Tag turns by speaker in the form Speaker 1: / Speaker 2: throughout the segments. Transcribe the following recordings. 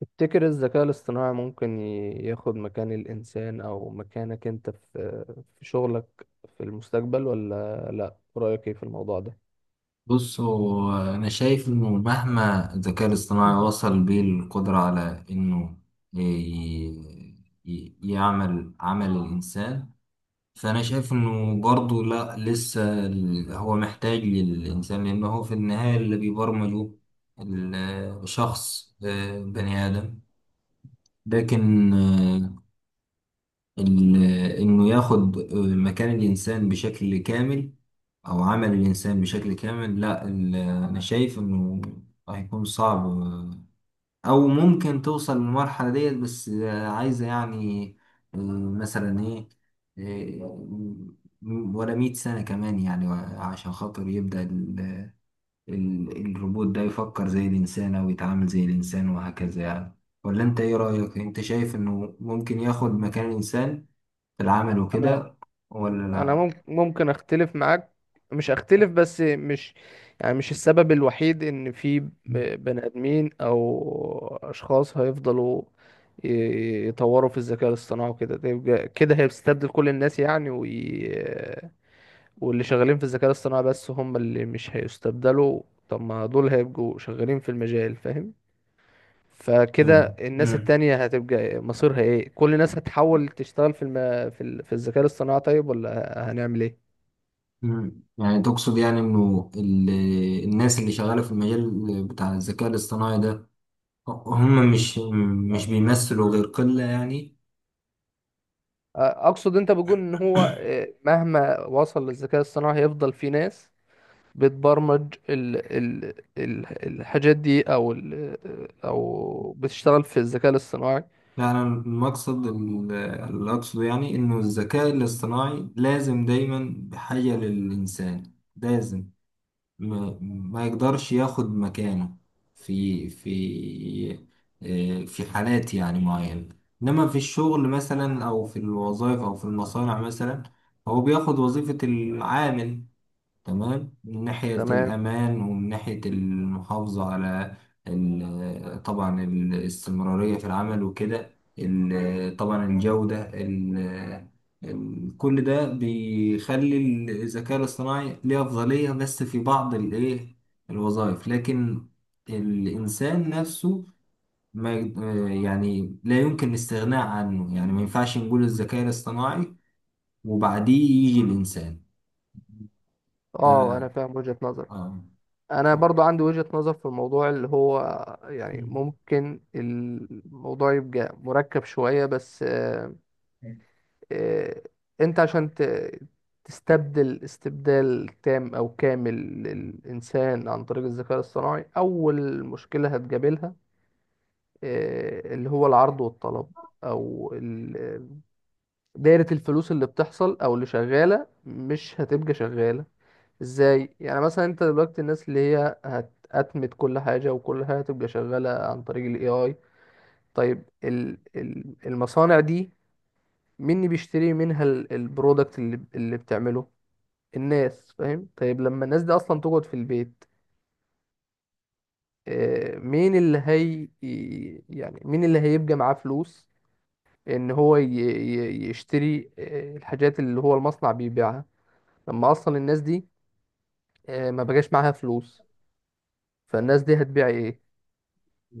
Speaker 1: تفتكر الذكاء الاصطناعي ممكن ياخد مكان الإنسان أو مكانك أنت في شغلك في المستقبل ولا لأ؟ رأيك إيه في الموضوع ده؟
Speaker 2: بص، هو أنا شايف إنه مهما الذكاء الاصطناعي وصل بيه القدرة على إنه ي- يعمل عمل الإنسان، فأنا شايف إنه برضه لأ، لسه هو محتاج للإنسان، لأنه هو في النهاية اللي بيبرمجه الشخص، بني آدم. لكن ال- إنه ياخد مكان الإنسان بشكل كامل أو عمل الإنسان بشكل كامل، لا، أنا شايف إنه هيكون صعب، أو ممكن توصل للمرحلة ديت. بس عايزة يعني، آه، مثلا إيه، آه، ولا 100 سنة كمان يعني. عشان خاطر يبدأ الروبوت ده يفكر زي الإنسان أو يتعامل زي الإنسان وهكذا يعني. ولا أنت إيه رأيك؟ أنت شايف إنه ممكن ياخد مكان الإنسان في العمل
Speaker 1: أنا
Speaker 2: وكده، ولا
Speaker 1: أنا
Speaker 2: لا؟
Speaker 1: ممكن أختلف معاك. مش أختلف، بس مش يعني مش السبب الوحيد إن في بني آدمين أو أشخاص هيفضلوا يطوروا في الذكاء الاصطناعي وكده. ده كده هيستبدل كل الناس يعني؟ واللي شغالين في الذكاء الاصطناعي بس هم اللي مش هيستبدلوا. طب ما دول هيبقوا شغالين في المجال، فاهم؟
Speaker 2: مم.
Speaker 1: فكده الناس
Speaker 2: مم.
Speaker 1: التانية هتبقى مصيرها ايه؟ كل الناس هتحاول تشتغل في في الذكاء الاصطناعي. طيب ولا هنعمل ايه؟
Speaker 2: يعني تقصد يعني انه الناس اللي شغالة في المجال بتاع الذكاء الاصطناعي ده، هم مش بيمثلوا غير قلة يعني؟
Speaker 1: اقصد انت بتقول ان هو مهما وصل للذكاء الاصطناعي هيفضل في ناس بتبرمج الحاجات دي، او او بتشتغل في الذكاء الاصطناعي،
Speaker 2: لا، انا المقصد اللي اقصده يعني، انه الذكاء الاصطناعي لازم دايما بحاجة للانسان، لازم ما يقدرش ياخد مكانه في في في حالات يعني معينة. إنما في الشغل مثلا، أو في الوظائف، أو في المصانع مثلا، هو بياخد وظيفة العامل، تمام، من ناحية
Speaker 1: تمام.
Speaker 2: الأمان ومن ناحية المحافظة على طبعا الاستمرارية في العمل وكده، طبعا الجودة، كل ده بيخلي الذكاء الاصطناعي ليه أفضلية بس في بعض الإيه الوظائف. لكن الإنسان نفسه ما يعني لا يمكن الاستغناء عنه يعني، ما ينفعش نقول الذكاء الاصطناعي وبعديه يجي الإنسان.
Speaker 1: اه، انا فاهم وجهة نظرك.
Speaker 2: آه.
Speaker 1: انا برضو عندي وجهة نظر في الموضوع، اللي هو يعني ممكن الموضوع يبقى مركب شوية، بس آه، انت عشان تستبدل استبدال تام او كامل للانسان عن طريق الذكاء الصناعي، اول مشكلة هتقابلها اللي هو العرض والطلب، او دايرة الفلوس اللي بتحصل او اللي شغالة مش هتبقى شغالة. ازاي يعني؟ مثلا انت دلوقتي الناس اللي هي هتأتمت كل حاجة، وكل حاجة هتبقى شغالة عن طريق الاي اي. طيب ال المصانع دي، مين اللي بيشتري منها البرودكت اللي بتعمله؟ الناس، فاهم؟ طيب لما الناس دي اصلا تقعد في البيت، مين اللي هي، يعني مين اللي هيبقى معاه فلوس ان هو يشتري الحاجات اللي هو المصنع بيبيعها؟ لما اصلا الناس دي ما بقاش معاها فلوس، فالناس دي هتبيع ايه؟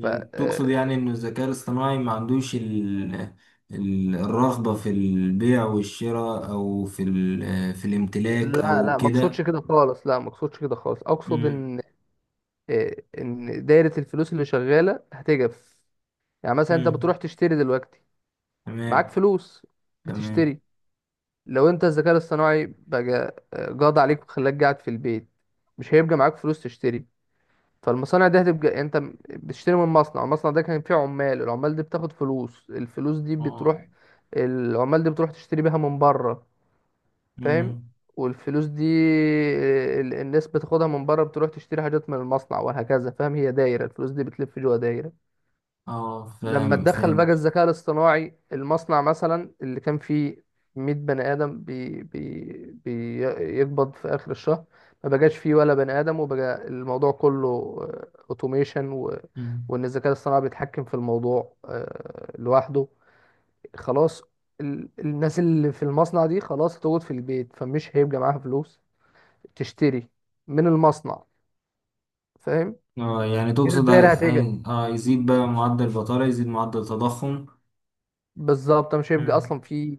Speaker 1: ف آه،
Speaker 2: تقصد يعني إن الذكاء الاصطناعي ما عندوش الرغبة في البيع والشراء، أو في الامتلاك
Speaker 1: لا
Speaker 2: أو
Speaker 1: لا، ما اقصدش
Speaker 2: كده؟
Speaker 1: كده خالص، لا ما اقصدش كده خالص. اقصد
Speaker 2: مم.
Speaker 1: ان ان دايره الفلوس اللي شغاله هتجف. يعني مثلا انت
Speaker 2: مم.
Speaker 1: بتروح تشتري دلوقتي، معاك
Speaker 2: تمام.
Speaker 1: فلوس،
Speaker 2: تمام.
Speaker 1: بتشتري. لو انت الذكاء الاصطناعي بقى قاضي عليك وخلاك قاعد في البيت، مش هيبقى معاك فلوس تشتري. فالمصانع دي هتبقى يعني انت بتشتري من مصنع، المصنع ده كان فيه عمال، العمال دي بتاخد فلوس، الفلوس دي
Speaker 2: اه.
Speaker 1: بتروح، العمال دي بتروح تشتري بيها من بره، فاهم؟
Speaker 2: مم.
Speaker 1: والفلوس دي الناس بتاخدها من بره، بتروح تشتري حاجات من المصنع وهكذا، فاهم؟ هي دايرة الفلوس دي بتلف جوه دايرة.
Speaker 2: اه،
Speaker 1: لما
Speaker 2: فاهم.
Speaker 1: تدخل بقى
Speaker 2: فهمت.
Speaker 1: الذكاء الاصطناعي المصنع مثلا اللي كان فيه 100 بني آدم بي بي بيقبض في آخر الشهر، ما بقاش فيه ولا بني آدم، وبقى الموضوع كله اوتوميشن،
Speaker 2: مم.
Speaker 1: وإن الذكاء الاصطناعي بيتحكم في الموضوع لوحده. خلاص، الناس اللي في المصنع دي خلاص هتقعد في البيت، فمش هيبقى معاها فلوس تشتري من المصنع، فاهم؟
Speaker 2: اه، يعني
Speaker 1: كده
Speaker 2: تقصد هي...
Speaker 1: الدايرة
Speaker 2: هي... اه يزيد بقى معدل البطالة، يزيد معدل التضخم.
Speaker 1: بالظبط، مش هيبقى
Speaker 2: مم.
Speaker 1: اصلا في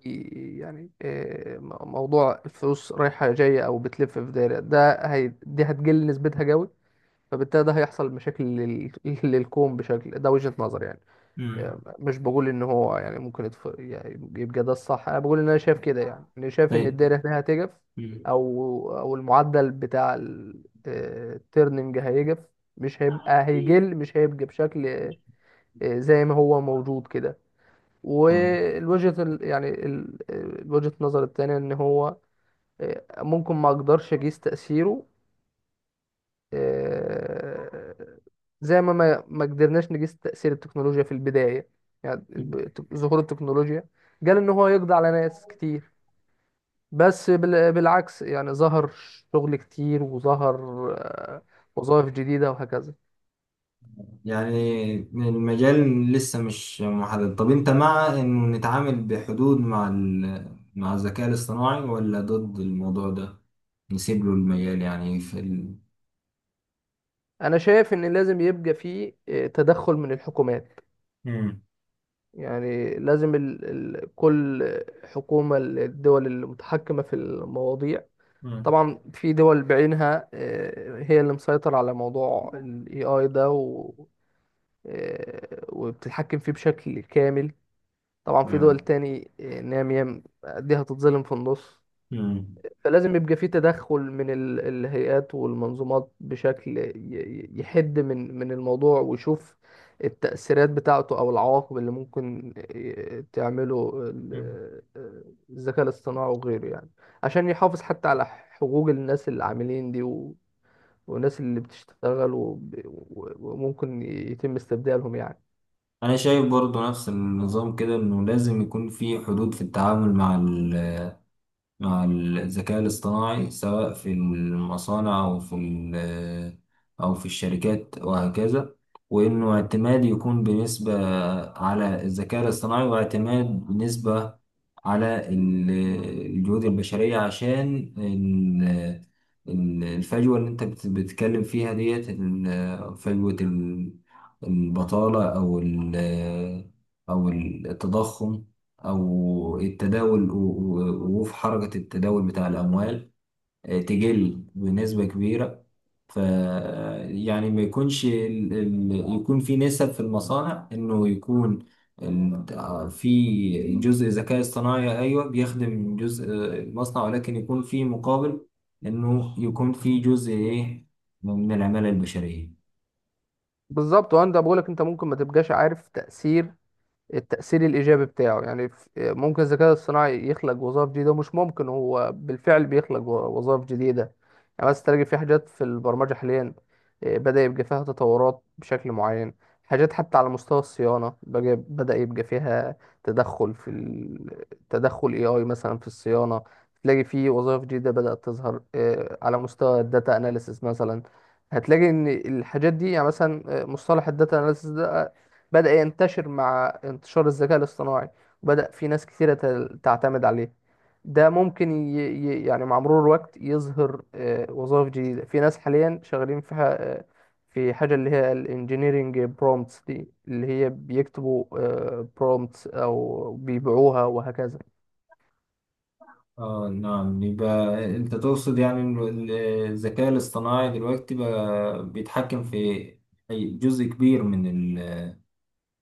Speaker 1: يعني موضوع الفلوس رايحه جايه او بتلف في دايره، ده هي دي هتقل نسبتها جوي. فبالتالي ده هيحصل مشاكل للكون بشكل، ده وجهه نظر يعني.
Speaker 2: مم.
Speaker 1: مش بقول ان هو يعني ممكن يعني يبقى ده الصح، انا بقول ان انا شايف كده يعني. انا شايف ان
Speaker 2: طيب.
Speaker 1: الدايره هنا هتجف،
Speaker 2: مم.
Speaker 1: او المعدل بتاع التيرننج هيجف. مش هيبقى، هيقل، مش هيبقى بشكل زي ما هو موجود كده.
Speaker 2: تمام.
Speaker 1: والوجهة يعني وجهة النظر التانية ان هو ممكن ما اقدرش اقيس تأثيره، آه، زي ما قدرناش نقيس تأثير التكنولوجيا في البداية. يعني ظهور التكنولوجيا، قال ان هو يقضي على ناس كتير، بس بالعكس يعني ظهر شغل كتير، وظهر آه، وظائف جديدة وهكذا.
Speaker 2: يعني المجال لسه مش محدد. طب انت مع انه نتعامل بحدود مع مع الذكاء الاصطناعي، ولا ضد الموضوع ده؟ نسيب له المجال يعني
Speaker 1: انا شايف ان لازم يبقى فيه تدخل من الحكومات.
Speaker 2: مم.
Speaker 1: يعني لازم كل حكومة، الدول المتحكمة في المواضيع.
Speaker 2: مم.
Speaker 1: طبعا في دول بعينها هي اللي مسيطرة على موضوع ال AI ده، وبتتحكم فيه بشكل كامل. طبعا في دول
Speaker 2: آه.
Speaker 1: تاني نامية دي هتتظلم في النص.
Speaker 2: مم.
Speaker 1: فلازم يبقى في تدخل من الهيئات والمنظومات بشكل يحد من الموضوع، ويشوف التأثيرات بتاعته أو العواقب اللي ممكن تعمله
Speaker 2: مم.
Speaker 1: الذكاء الاصطناعي وغيره يعني. عشان يحافظ حتى على حقوق الناس اللي عاملين دي، والناس اللي بتشتغل، وممكن يتم استبدالهم يعني.
Speaker 2: انا شايف برضو نفس النظام كده، انه لازم يكون في حدود في التعامل مع مع الذكاء الاصطناعي، سواء في المصانع أو في أو في الشركات وهكذا. وإنه اعتماد يكون بنسبة على الذكاء الاصطناعي، واعتماد بنسبة على الجهود البشرية، عشان الفجوة اللي أنت بتتكلم فيها ديت، فجوة البطالة أو أو التضخم، أو التداول وفي حركة التداول بتاع الأموال، تقل بنسبة كبيرة. ف يعني ما يكونش يكون في نسب في المصانع، إنه يكون ال... آه، في جزء ذكاء اصطناعي، أيوه، بيخدم جزء المصنع، ولكن يكون في مقابل إنه يكون في جزء إيه من العمالة البشرية.
Speaker 1: بالظبط، وانا بقولك انت ممكن ما تبقاش عارف تأثير، التأثير الإيجابي بتاعه يعني. ممكن الذكاء الصناعي يخلق وظائف جديدة، مش ممكن. هو بالفعل بيخلق وظائف جديدة يعني. بس تلاقي في حاجات في البرمجة حاليا بدأ يبقى فيها تطورات بشكل معين. حاجات حتى على مستوى الصيانة، بدأ يبقى فيها تدخل في تدخل AI مثلا في الصيانة. تلاقي في وظائف جديدة بدأت تظهر على مستوى الداتا أناليسيس مثلا. هتلاقي ان الحاجات دي يعني مثلا مصطلح الداتا اناليسيس ده بدأ ينتشر مع انتشار الذكاء الاصطناعي، وبدأ في ناس كثيرة تعتمد عليه. ده ممكن يعني مع مرور الوقت يظهر وظائف جديدة. في ناس حاليا شغالين في ح... آه، في حاجة اللي هي الانجينيرينج برومتس دي، اللي هي بيكتبوا برومتس أو بيبيعوها وهكذا.
Speaker 2: اه نعم، يبقى انت تقصد يعني إنه الذكاء الاصطناعي دلوقتي بقى بيتحكم في أي جزء كبير من ال...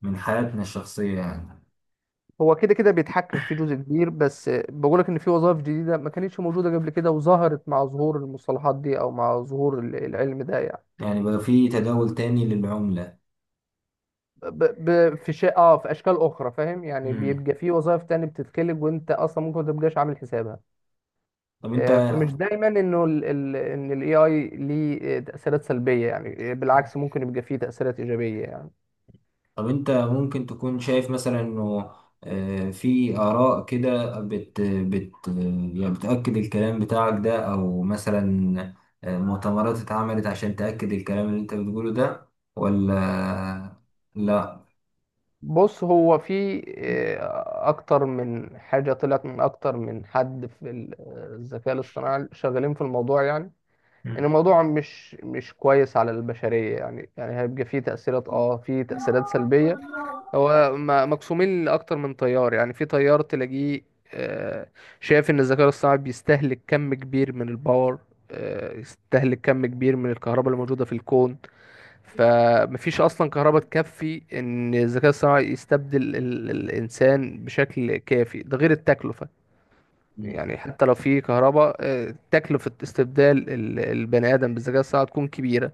Speaker 2: من حياتنا الشخصية يعني؟
Speaker 1: هو كده كده بيتحكم في جزء كبير، بس بقولك إن في وظائف جديدة ما كانتش موجودة قبل كده، وظهرت مع ظهور المصطلحات دي أو مع ظهور العلم ده يعني.
Speaker 2: يعني بقى في تداول تاني للعملة؟
Speaker 1: في شيء، اه، في اشكال اخرى، فاهم يعني؟
Speaker 2: مم.
Speaker 1: بيبقى في وظائف تانية بتتخلق، وانت اصلا ممكن ما تبقاش عامل حسابها.
Speaker 2: طب انت
Speaker 1: فمش دايما انه ان الاي اي ليه تاثيرات سلبيه يعني. بالعكس، ممكن يبقى فيه تاثيرات ايجابيه يعني.
Speaker 2: طب انت ممكن تكون شايف مثلا انه في آراء كده بت يعني بتأكد الكلام بتاعك ده، او مثلا مؤتمرات اتعملت عشان تأكد الكلام اللي انت بتقوله ده؟ ولا لا؟
Speaker 1: بص، هو في اكتر من حاجه طلعت من اكتر من حد في الذكاء الاصطناعي، شغالين في الموضوع يعني، ان الموضوع مش كويس على البشريه يعني. يعني هيبقى فيه تاثيرات، اه فيه تاثيرات سلبيه. هو مقسومين لأكتر من تيار يعني. في تيار تلاقيه آه، شايف إن الذكاء الصناعي بيستهلك كم كبير من الباور، يستهلك كم كبير من الكهرباء اللي موجودة في الكون. فمفيش أصلا كهرباء تكفي إن الذكاء الصناعي يستبدل الإنسان بشكل كافي، ده غير التكلفة.
Speaker 2: مم.
Speaker 1: يعني حتى لو في كهرباء، تكلفة استبدال البني آدم بالذكاء الصناعي تكون كبيرة.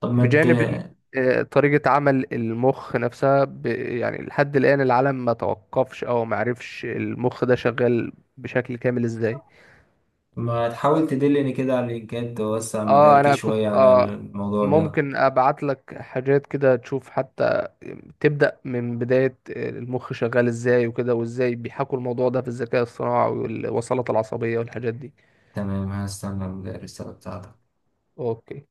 Speaker 2: طب
Speaker 1: بجانب إن، طريقة عمل المخ نفسها، يعني لحد الآن العالم ما توقفش أو ما عرفش المخ ده شغال بشكل كامل إزاي.
Speaker 2: ما تحاول تدلني كده على اللينكات، توسع
Speaker 1: اه،
Speaker 2: مداركي
Speaker 1: انا
Speaker 2: شوية
Speaker 1: كنت،
Speaker 2: على
Speaker 1: اه،
Speaker 2: الموضوع ده.
Speaker 1: ممكن ابعت لك حاجات كده تشوف، حتى تبدأ من بداية المخ شغال ازاي وكده، وازاي بيحكوا الموضوع ده في الذكاء الصناعي، والوصلات العصبية والحاجات دي.
Speaker 2: تمام، هستنى الرسالة بتاعتك.
Speaker 1: اوكي.